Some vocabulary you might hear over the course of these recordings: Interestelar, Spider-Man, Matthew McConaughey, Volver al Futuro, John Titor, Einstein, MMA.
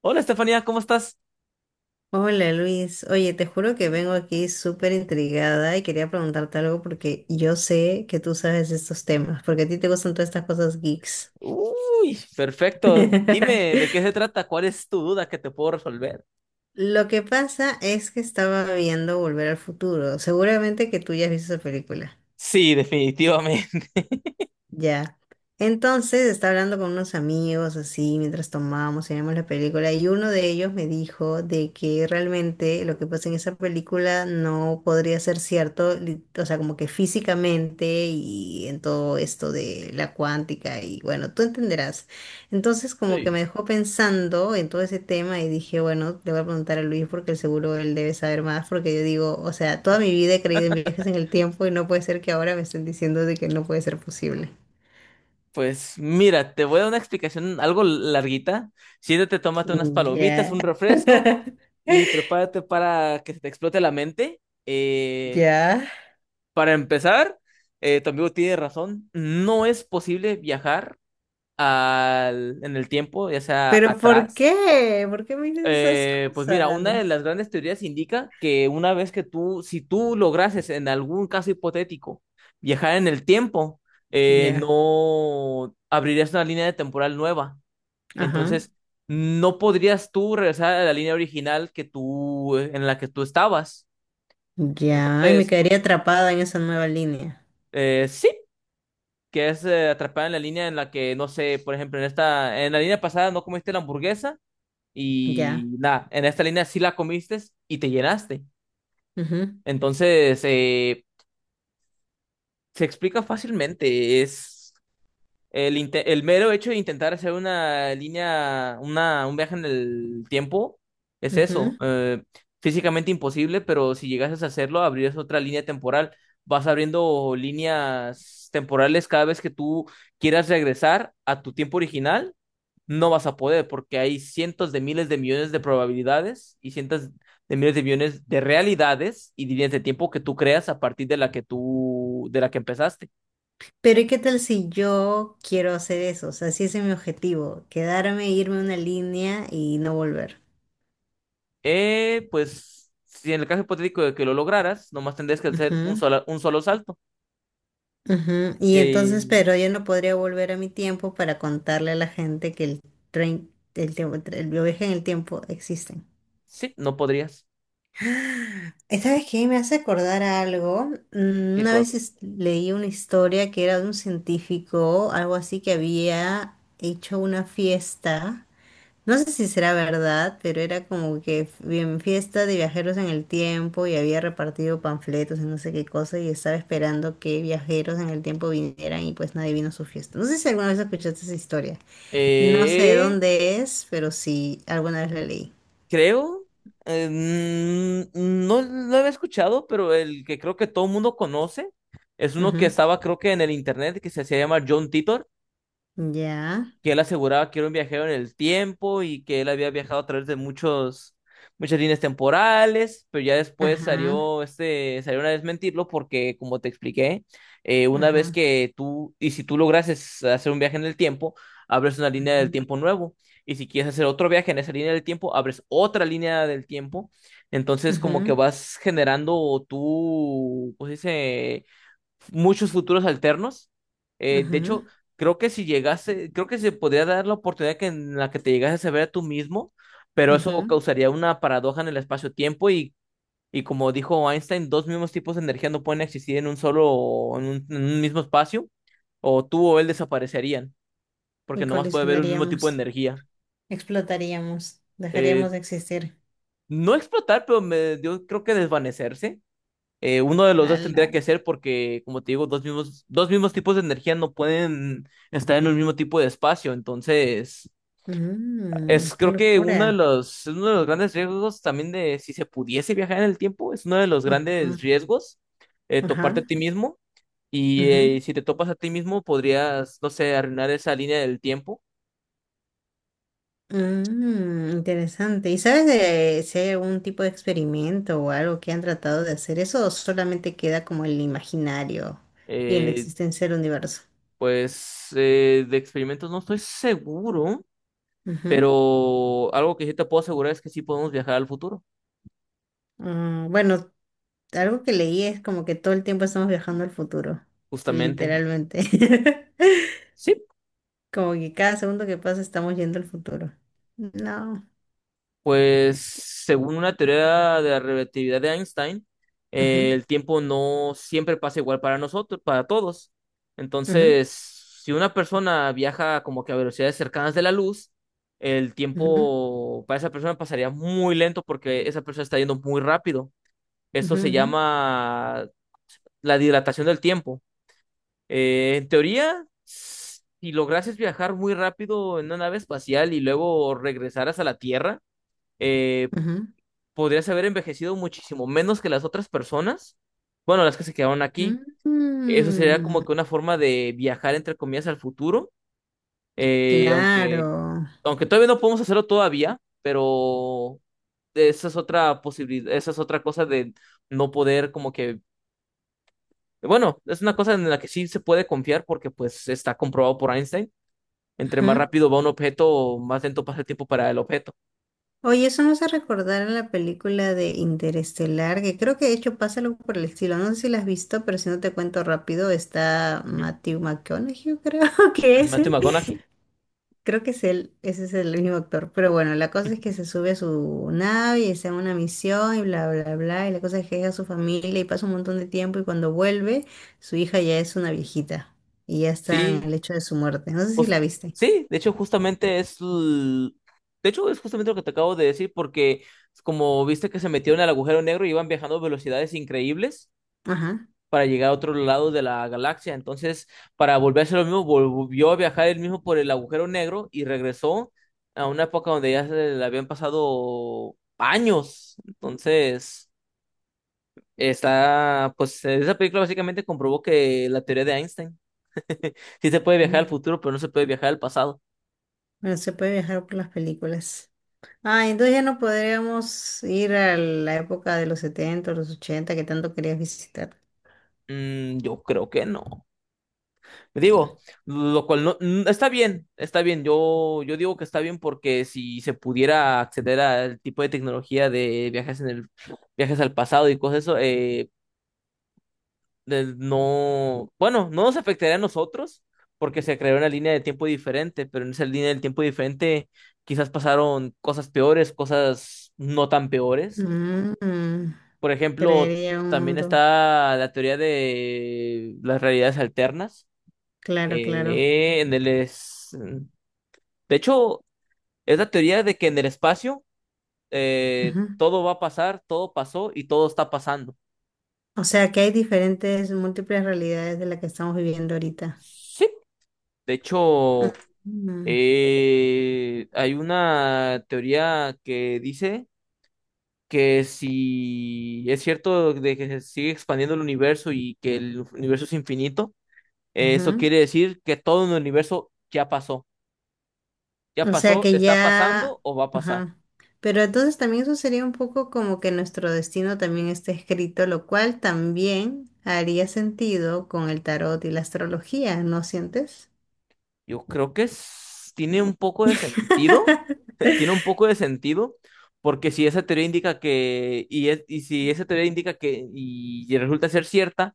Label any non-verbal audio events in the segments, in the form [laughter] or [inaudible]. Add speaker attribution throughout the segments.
Speaker 1: Hola Estefanía, ¿cómo estás?
Speaker 2: Hola Luis, oye, te juro que vengo aquí súper intrigada y quería preguntarte algo porque yo sé que tú sabes estos temas, porque a ti te gustan todas estas cosas geeks.
Speaker 1: Uy, perfecto. Dime de qué
Speaker 2: [laughs]
Speaker 1: se trata, cuál es tu duda que te puedo resolver.
Speaker 2: Lo que pasa es que estaba viendo Volver al Futuro, seguramente que tú ya has visto esa película.
Speaker 1: Sí, definitivamente. [laughs]
Speaker 2: Ya. Entonces estaba hablando con unos amigos así mientras tomábamos y veíamos la película y uno de ellos me dijo de que realmente lo que pasa en esa película no podría ser cierto, o sea, como que físicamente y en todo esto de la cuántica y bueno, tú entenderás. Entonces como que
Speaker 1: Sí.
Speaker 2: me dejó pensando en todo ese tema y dije, bueno, le voy a preguntar a Luis porque seguro él debe saber más porque yo digo, o sea, toda mi vida he creído en viajes en el tiempo y no puede ser que ahora me estén diciendo de que no puede ser posible.
Speaker 1: Pues mira, te voy a dar una explicación algo larguita. Siéntate, tómate unas
Speaker 2: Mm.
Speaker 1: palomitas,
Speaker 2: Ya.
Speaker 1: un refresco
Speaker 2: [laughs]
Speaker 1: y prepárate para que se te explote la mente. Eh,
Speaker 2: Ya.
Speaker 1: para empezar, tu amigo tiene razón. No es posible viajar en el tiempo, ya sea
Speaker 2: Pero ¿por
Speaker 1: atrás.
Speaker 2: qué? ¿Por qué me dices esas
Speaker 1: Pues mira, una de
Speaker 2: cosas?
Speaker 1: las grandes teorías indica que una vez que tú, si tú lograses en algún caso hipotético viajar en el tiempo,
Speaker 2: Ya,
Speaker 1: no abrirías una línea de temporal nueva.
Speaker 2: ajá.
Speaker 1: Entonces, no podrías tú regresar a la línea original que tú, en la que tú estabas.
Speaker 2: Ya, y me
Speaker 1: Entonces,
Speaker 2: quedaría atrapada en esa nueva línea.
Speaker 1: sí, que es atrapada en la línea en la que, no sé, por ejemplo, en esta, en la línea pasada no comiste la hamburguesa
Speaker 2: Ya.
Speaker 1: y nada, en esta línea sí la comiste y te llenaste. Entonces, se explica fácilmente. Es el mero hecho de intentar hacer una línea, un viaje en el tiempo, es
Speaker 2: Ujú,
Speaker 1: eso.
Speaker 2: ujú.
Speaker 1: Físicamente imposible, pero si llegases a hacerlo, abrías otra línea temporal. Vas abriendo líneas temporales cada vez que tú quieras regresar a tu tiempo original, no vas a poder porque hay cientos de miles de millones de probabilidades y cientos de miles de millones de realidades y líneas de tiempo que tú creas a partir de la que tú, de la que empezaste.
Speaker 2: Pero ¿y qué tal si yo quiero hacer eso? O sea, si ese es mi objetivo, quedarme, e irme a una línea y no volver.
Speaker 1: Pues, si en el caso hipotético de que lo lograras, nomás tendrías que hacer un
Speaker 2: Ujú,
Speaker 1: solo, un solo salto.
Speaker 2: ujú. Y
Speaker 1: Eh,
Speaker 2: entonces, pero yo no podría volver a mi tiempo para contarle a la gente que el tren, el tiempo, el viaje en el tiempo existen.
Speaker 1: sí, no podrías.
Speaker 2: Esta vez que me hace acordar a algo.
Speaker 1: Qué
Speaker 2: Una
Speaker 1: cosa.
Speaker 2: vez leí una historia que era de un científico, algo así que había hecho una fiesta, no sé si será verdad, pero era como que bien fiesta de viajeros en el tiempo y había repartido panfletos y no sé qué cosa y estaba esperando que viajeros en el tiempo vinieran y pues nadie vino a su fiesta. No sé si alguna vez escuchaste esa historia, no sé de
Speaker 1: Eh,
Speaker 2: dónde es, pero sí, alguna vez la leí.
Speaker 1: Creo. eh, no lo había escuchado, pero el que creo que todo el mundo conoce es uno que
Speaker 2: Ujú.
Speaker 1: estaba, creo que en el internet, que se hacía llamar John Titor.
Speaker 2: Ya,
Speaker 1: Que él aseguraba que era un viajero en el tiempo y que él había viajado a través de muchas líneas temporales, pero ya después
Speaker 2: ajá.
Speaker 1: salió a desmentirlo porque, como te expliqué, una vez
Speaker 2: Ajá,
Speaker 1: que tú, y si tú lograses hacer un viaje en el tiempo, abres una línea del
Speaker 2: ajá,
Speaker 1: tiempo nuevo. Y si quieres hacer otro viaje en esa línea del tiempo, abres otra línea del tiempo. Entonces, como que vas generando tú, pues dice, muchos futuros alternos. De hecho,
Speaker 2: ajá,
Speaker 1: creo que si llegase, creo que se podría dar la oportunidad que en la que te llegases a ver a tú mismo, pero
Speaker 2: ajá.
Speaker 1: eso causaría una paradoja en el espacio-tiempo y, como dijo Einstein, dos mismos tipos de energía no pueden existir en un solo, en un mismo espacio, o tú o él desaparecerían, porque
Speaker 2: Y
Speaker 1: nomás puede haber un mismo tipo de
Speaker 2: colisionaríamos,
Speaker 1: energía.
Speaker 2: explotaríamos, dejaríamos
Speaker 1: Eh,
Speaker 2: de existir.
Speaker 1: no explotar, pero yo creo que desvanecerse. Uno de los dos
Speaker 2: Ala.
Speaker 1: tendría que ser porque, como te digo, dos mismos tipos de energía no pueden estar en el mismo tipo de espacio. Entonces,
Speaker 2: Qué locura.
Speaker 1: es uno de los grandes riesgos también de si se pudiese viajar en el tiempo, es uno de los grandes
Speaker 2: Ajá,
Speaker 1: riesgos toparte a
Speaker 2: ajá,
Speaker 1: ti mismo. Y
Speaker 2: ajá.
Speaker 1: eh, si te topas a ti mismo, podrías, no sé, arruinar esa línea del tiempo.
Speaker 2: Interesante. ¿Y sabes de si hay algún tipo de experimento o algo que han tratado de hacer eso o solamente queda como el imaginario y en la
Speaker 1: Eh,
Speaker 2: existencia del universo?
Speaker 1: pues de experimentos no estoy seguro,
Speaker 2: Ujú.
Speaker 1: pero algo que sí te puedo asegurar es que sí podemos viajar al futuro,
Speaker 2: Ah, bueno, algo que leí es como que todo el tiempo estamos viajando al futuro,
Speaker 1: justamente.
Speaker 2: literalmente. [laughs]
Speaker 1: Sí,
Speaker 2: Como que cada segundo que pasa estamos yendo al futuro. No.
Speaker 1: pues según una teoría de la relatividad de Einstein,
Speaker 2: Ujú,
Speaker 1: el tiempo no siempre pasa igual para nosotros, para todos.
Speaker 2: ujú,
Speaker 1: Entonces, si una persona viaja como que a velocidades cercanas de la luz, el
Speaker 2: ujú,
Speaker 1: tiempo para esa persona pasaría muy lento porque esa persona está yendo muy rápido. Esto
Speaker 2: ujú,
Speaker 1: se
Speaker 2: ujú,
Speaker 1: llama la dilatación del tiempo. En teoría, si lograses viajar muy rápido en una nave espacial y luego regresaras a la Tierra, eh,
Speaker 2: ujú,
Speaker 1: podrías haber envejecido muchísimo menos que las otras personas. Bueno, las que se quedaron aquí.
Speaker 2: ujú.
Speaker 1: Eso sería como
Speaker 2: Mm,
Speaker 1: que una forma de viajar, entre comillas, al futuro. Eh, aunque,
Speaker 2: claro.
Speaker 1: aunque todavía no podemos hacerlo todavía, pero esa es otra posibilidad, esa es otra cosa de no poder como que, bueno, es una cosa en la que sí se puede confiar porque pues está comprobado por Einstein. Entre más
Speaker 2: Ujú.
Speaker 1: rápido va un objeto, más lento pasa el tiempo para el objeto.
Speaker 2: Oye, eso nos hace recordar a la película de Interestelar, que creo que de hecho pasa algo por el estilo. No sé si la has visto, pero si no te cuento rápido, está
Speaker 1: Ujú.
Speaker 2: Matthew McConaughey, creo [laughs] que es.
Speaker 1: Matthew
Speaker 2: Él
Speaker 1: McConaughey.
Speaker 2: Creo que es él, ese es el mismo actor. Pero bueno, la cosa es que se sube a su nave y está en una misión y bla, bla, bla. Y la cosa es que deja a su familia y pasa un montón de tiempo y cuando vuelve, su hija ya es una viejita y ya está en
Speaker 1: Sí,
Speaker 2: el hecho de su muerte. No sé si
Speaker 1: Jus-
Speaker 2: la viste.
Speaker 1: sí, de hecho, justamente es. De hecho, es justamente lo que te acabo de decir, porque como viste que se metieron al agujero negro y iban viajando a velocidades increíbles
Speaker 2: Ajá.
Speaker 1: para llegar a otro lado de la galaxia. Entonces, para volver a hacer lo mismo, volvió a viajar él mismo por el agujero negro y regresó a una época donde ya se le habían pasado años. Entonces, está. Pues esa película básicamente comprobó que la teoría de Einstein. [laughs] Sí se puede viajar al
Speaker 2: Mm.
Speaker 1: futuro, pero no se puede viajar al pasado.
Speaker 2: Bueno, se puede viajar por las películas. Ah, entonces ya no podríamos ir a la época de los 70, los ochenta que tanto querías visitar.
Speaker 1: Yo creo que no. Digo, lo cual no está bien, está bien. Yo digo que está bien porque si se pudiera acceder al tipo de tecnología de viajes en el viajes al pasado y cosas eso, no, bueno, no nos afectaría a nosotros porque se creó una línea de tiempo diferente, pero en esa línea del tiempo diferente quizás pasaron cosas peores, cosas no tan peores.
Speaker 2: Mm,
Speaker 1: Por ejemplo,
Speaker 2: creería un
Speaker 1: también
Speaker 2: mundo.
Speaker 1: está la teoría de las realidades alternas.
Speaker 2: Claro, claro.
Speaker 1: Eh, en el es... De hecho, es la teoría de que en el espacio
Speaker 2: Ujú.
Speaker 1: todo va a pasar, todo pasó y todo está pasando.
Speaker 2: O sea que hay diferentes, múltiples realidades de la que estamos viviendo ahorita.
Speaker 1: Sí. De hecho,
Speaker 2: Mm,
Speaker 1: hay una teoría que dice que si es cierto de que se sigue expandiendo el universo y que el universo es infinito, eso
Speaker 2: ujú.
Speaker 1: quiere decir que todo en el universo ya pasó. Ya
Speaker 2: O sea
Speaker 1: pasó,
Speaker 2: que
Speaker 1: está
Speaker 2: ya,
Speaker 1: pasando o va a pasar.
Speaker 2: ajá. Pero entonces también eso sería un poco como que nuestro destino también esté escrito, lo cual también haría sentido con el tarot y la astrología, ¿no sientes?
Speaker 1: Yo creo que tiene un poco de sentido,
Speaker 2: [laughs]
Speaker 1: [laughs] tiene un poco de sentido, porque si esa teoría indica que, y, es- y si esa teoría indica que, y resulta ser cierta,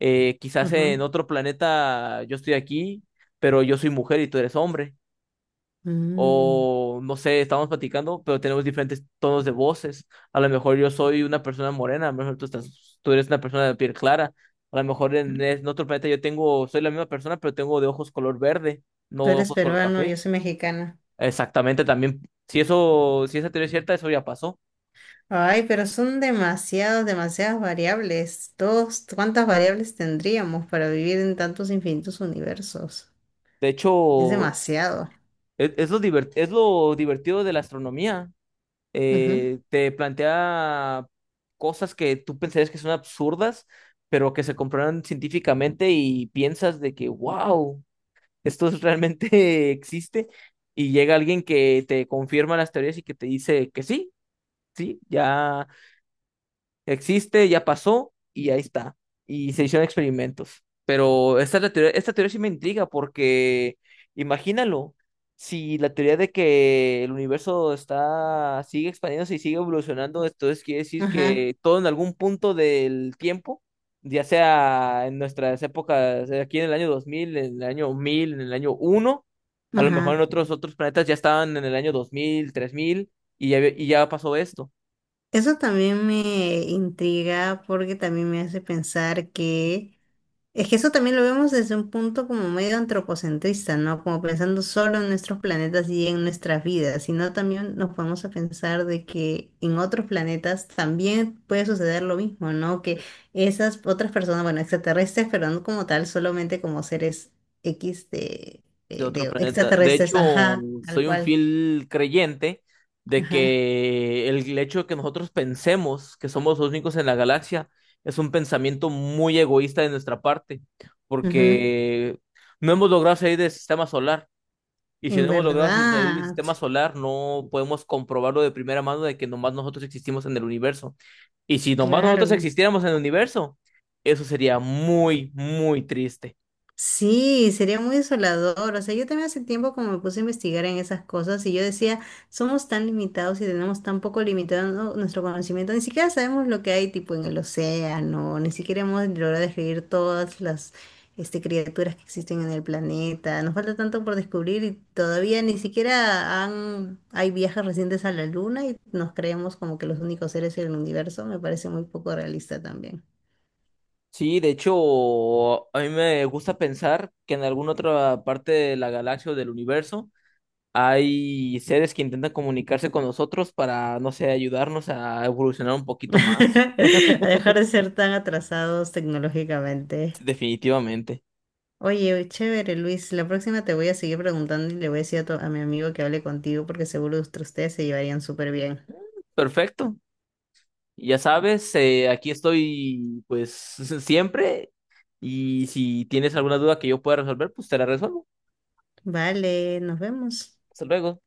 Speaker 1: quizás en
Speaker 2: Ajá.
Speaker 1: otro planeta yo estoy aquí, pero yo soy mujer y tú eres hombre
Speaker 2: Mm.
Speaker 1: o no sé, estamos platicando, pero tenemos diferentes tonos de voces. A lo mejor yo soy una persona morena, a lo mejor tú eres una persona de piel clara. A lo mejor en otro planeta soy la misma persona, pero tengo de ojos color verde, no
Speaker 2: Tú eres
Speaker 1: ojos color
Speaker 2: peruano, yo
Speaker 1: café.
Speaker 2: soy mexicana.
Speaker 1: Exactamente, también. Si eso, si esa teoría es cierta, eso ya pasó.
Speaker 2: Ay, pero son demasiadas, demasiadas variables. Todos, ¿cuántas variables tendríamos para vivir en tantos infinitos universos?
Speaker 1: De
Speaker 2: Es
Speaker 1: hecho,
Speaker 2: demasiado.
Speaker 1: es lo divertido de la astronomía.
Speaker 2: Ujú,
Speaker 1: Te plantea cosas que tú pensarías que son absurdas, pero que se comprueban científicamente y piensas de que, wow, realmente [laughs] existe. Y llega alguien que te confirma las teorías y que te dice que sí, sí, ya existe, ya pasó y ahí está. Y se hicieron experimentos. Pero esta, es la teoría, esta teoría sí me intriga porque imagínalo, si la teoría de que el universo está, sigue expandiéndose y sigue evolucionando, entonces quiere decir
Speaker 2: ajá,
Speaker 1: que todo en algún punto del tiempo, ya sea en nuestras épocas, aquí en el año 2000, en el año 1000, en el año 1, a lo mejor en
Speaker 2: ajá.
Speaker 1: otros planetas ya estaban en el año 2000, 3000, y ya pasó esto.
Speaker 2: Eso también me intriga porque también me hace pensar que es que eso también lo vemos desde un punto como medio antropocentrista, ¿no? Como pensando solo en nuestros planetas y en nuestras vidas, sino también nos podemos a pensar de que en otros planetas también puede suceder lo mismo, ¿no? Que esas otras personas, bueno, extraterrestres, pero no como tal, solamente como seres X
Speaker 1: De otro
Speaker 2: de
Speaker 1: planeta. De
Speaker 2: extraterrestres,
Speaker 1: hecho,
Speaker 2: ajá, tal
Speaker 1: soy un
Speaker 2: cual,
Speaker 1: fiel creyente de
Speaker 2: ajá,
Speaker 1: que el hecho de que nosotros pensemos que somos los únicos en la galaxia es un pensamiento muy egoísta de nuestra parte,
Speaker 2: ujú,
Speaker 1: porque no hemos logrado salir del sistema solar. Y si
Speaker 2: en
Speaker 1: no hemos logrado si salir del
Speaker 2: verdad,
Speaker 1: sistema solar, no podemos comprobarlo de primera mano de que nomás nosotros existimos en el universo. Y si nomás nosotros
Speaker 2: claro.
Speaker 1: existiéramos en el universo, eso sería muy, muy triste.
Speaker 2: Sí, sería muy desolador. O sea, yo también hace tiempo como me puse a investigar en esas cosas y yo decía, somos tan limitados y tenemos tan poco limitado nuestro conocimiento, ni siquiera sabemos lo que hay tipo en el océano, ni siquiera hemos logrado describir todas las criaturas que existen en el planeta. Nos falta tanto por descubrir y todavía ni siquiera han, hay viajes recientes a la luna y nos creemos como que los únicos seres en el universo. Me parece muy poco realista también.
Speaker 1: Sí, de hecho, a mí me gusta pensar que en alguna otra parte de la galaxia o del universo hay seres que intentan comunicarse con nosotros para, no sé, ayudarnos a evolucionar un
Speaker 2: [laughs]
Speaker 1: poquito más.
Speaker 2: A dejar de ser tan atrasados tecnológicamente.
Speaker 1: Sí, definitivamente.
Speaker 2: Oye, chévere, Luis. La próxima te voy a seguir preguntando y le voy a decir a mi amigo que hable contigo porque seguro que ustedes se llevarían súper bien.
Speaker 1: Perfecto. Ya sabes, aquí estoy pues [laughs] siempre y si tienes alguna duda que yo pueda resolver, pues te la resuelvo.
Speaker 2: Vale, nos vemos.
Speaker 1: Hasta luego.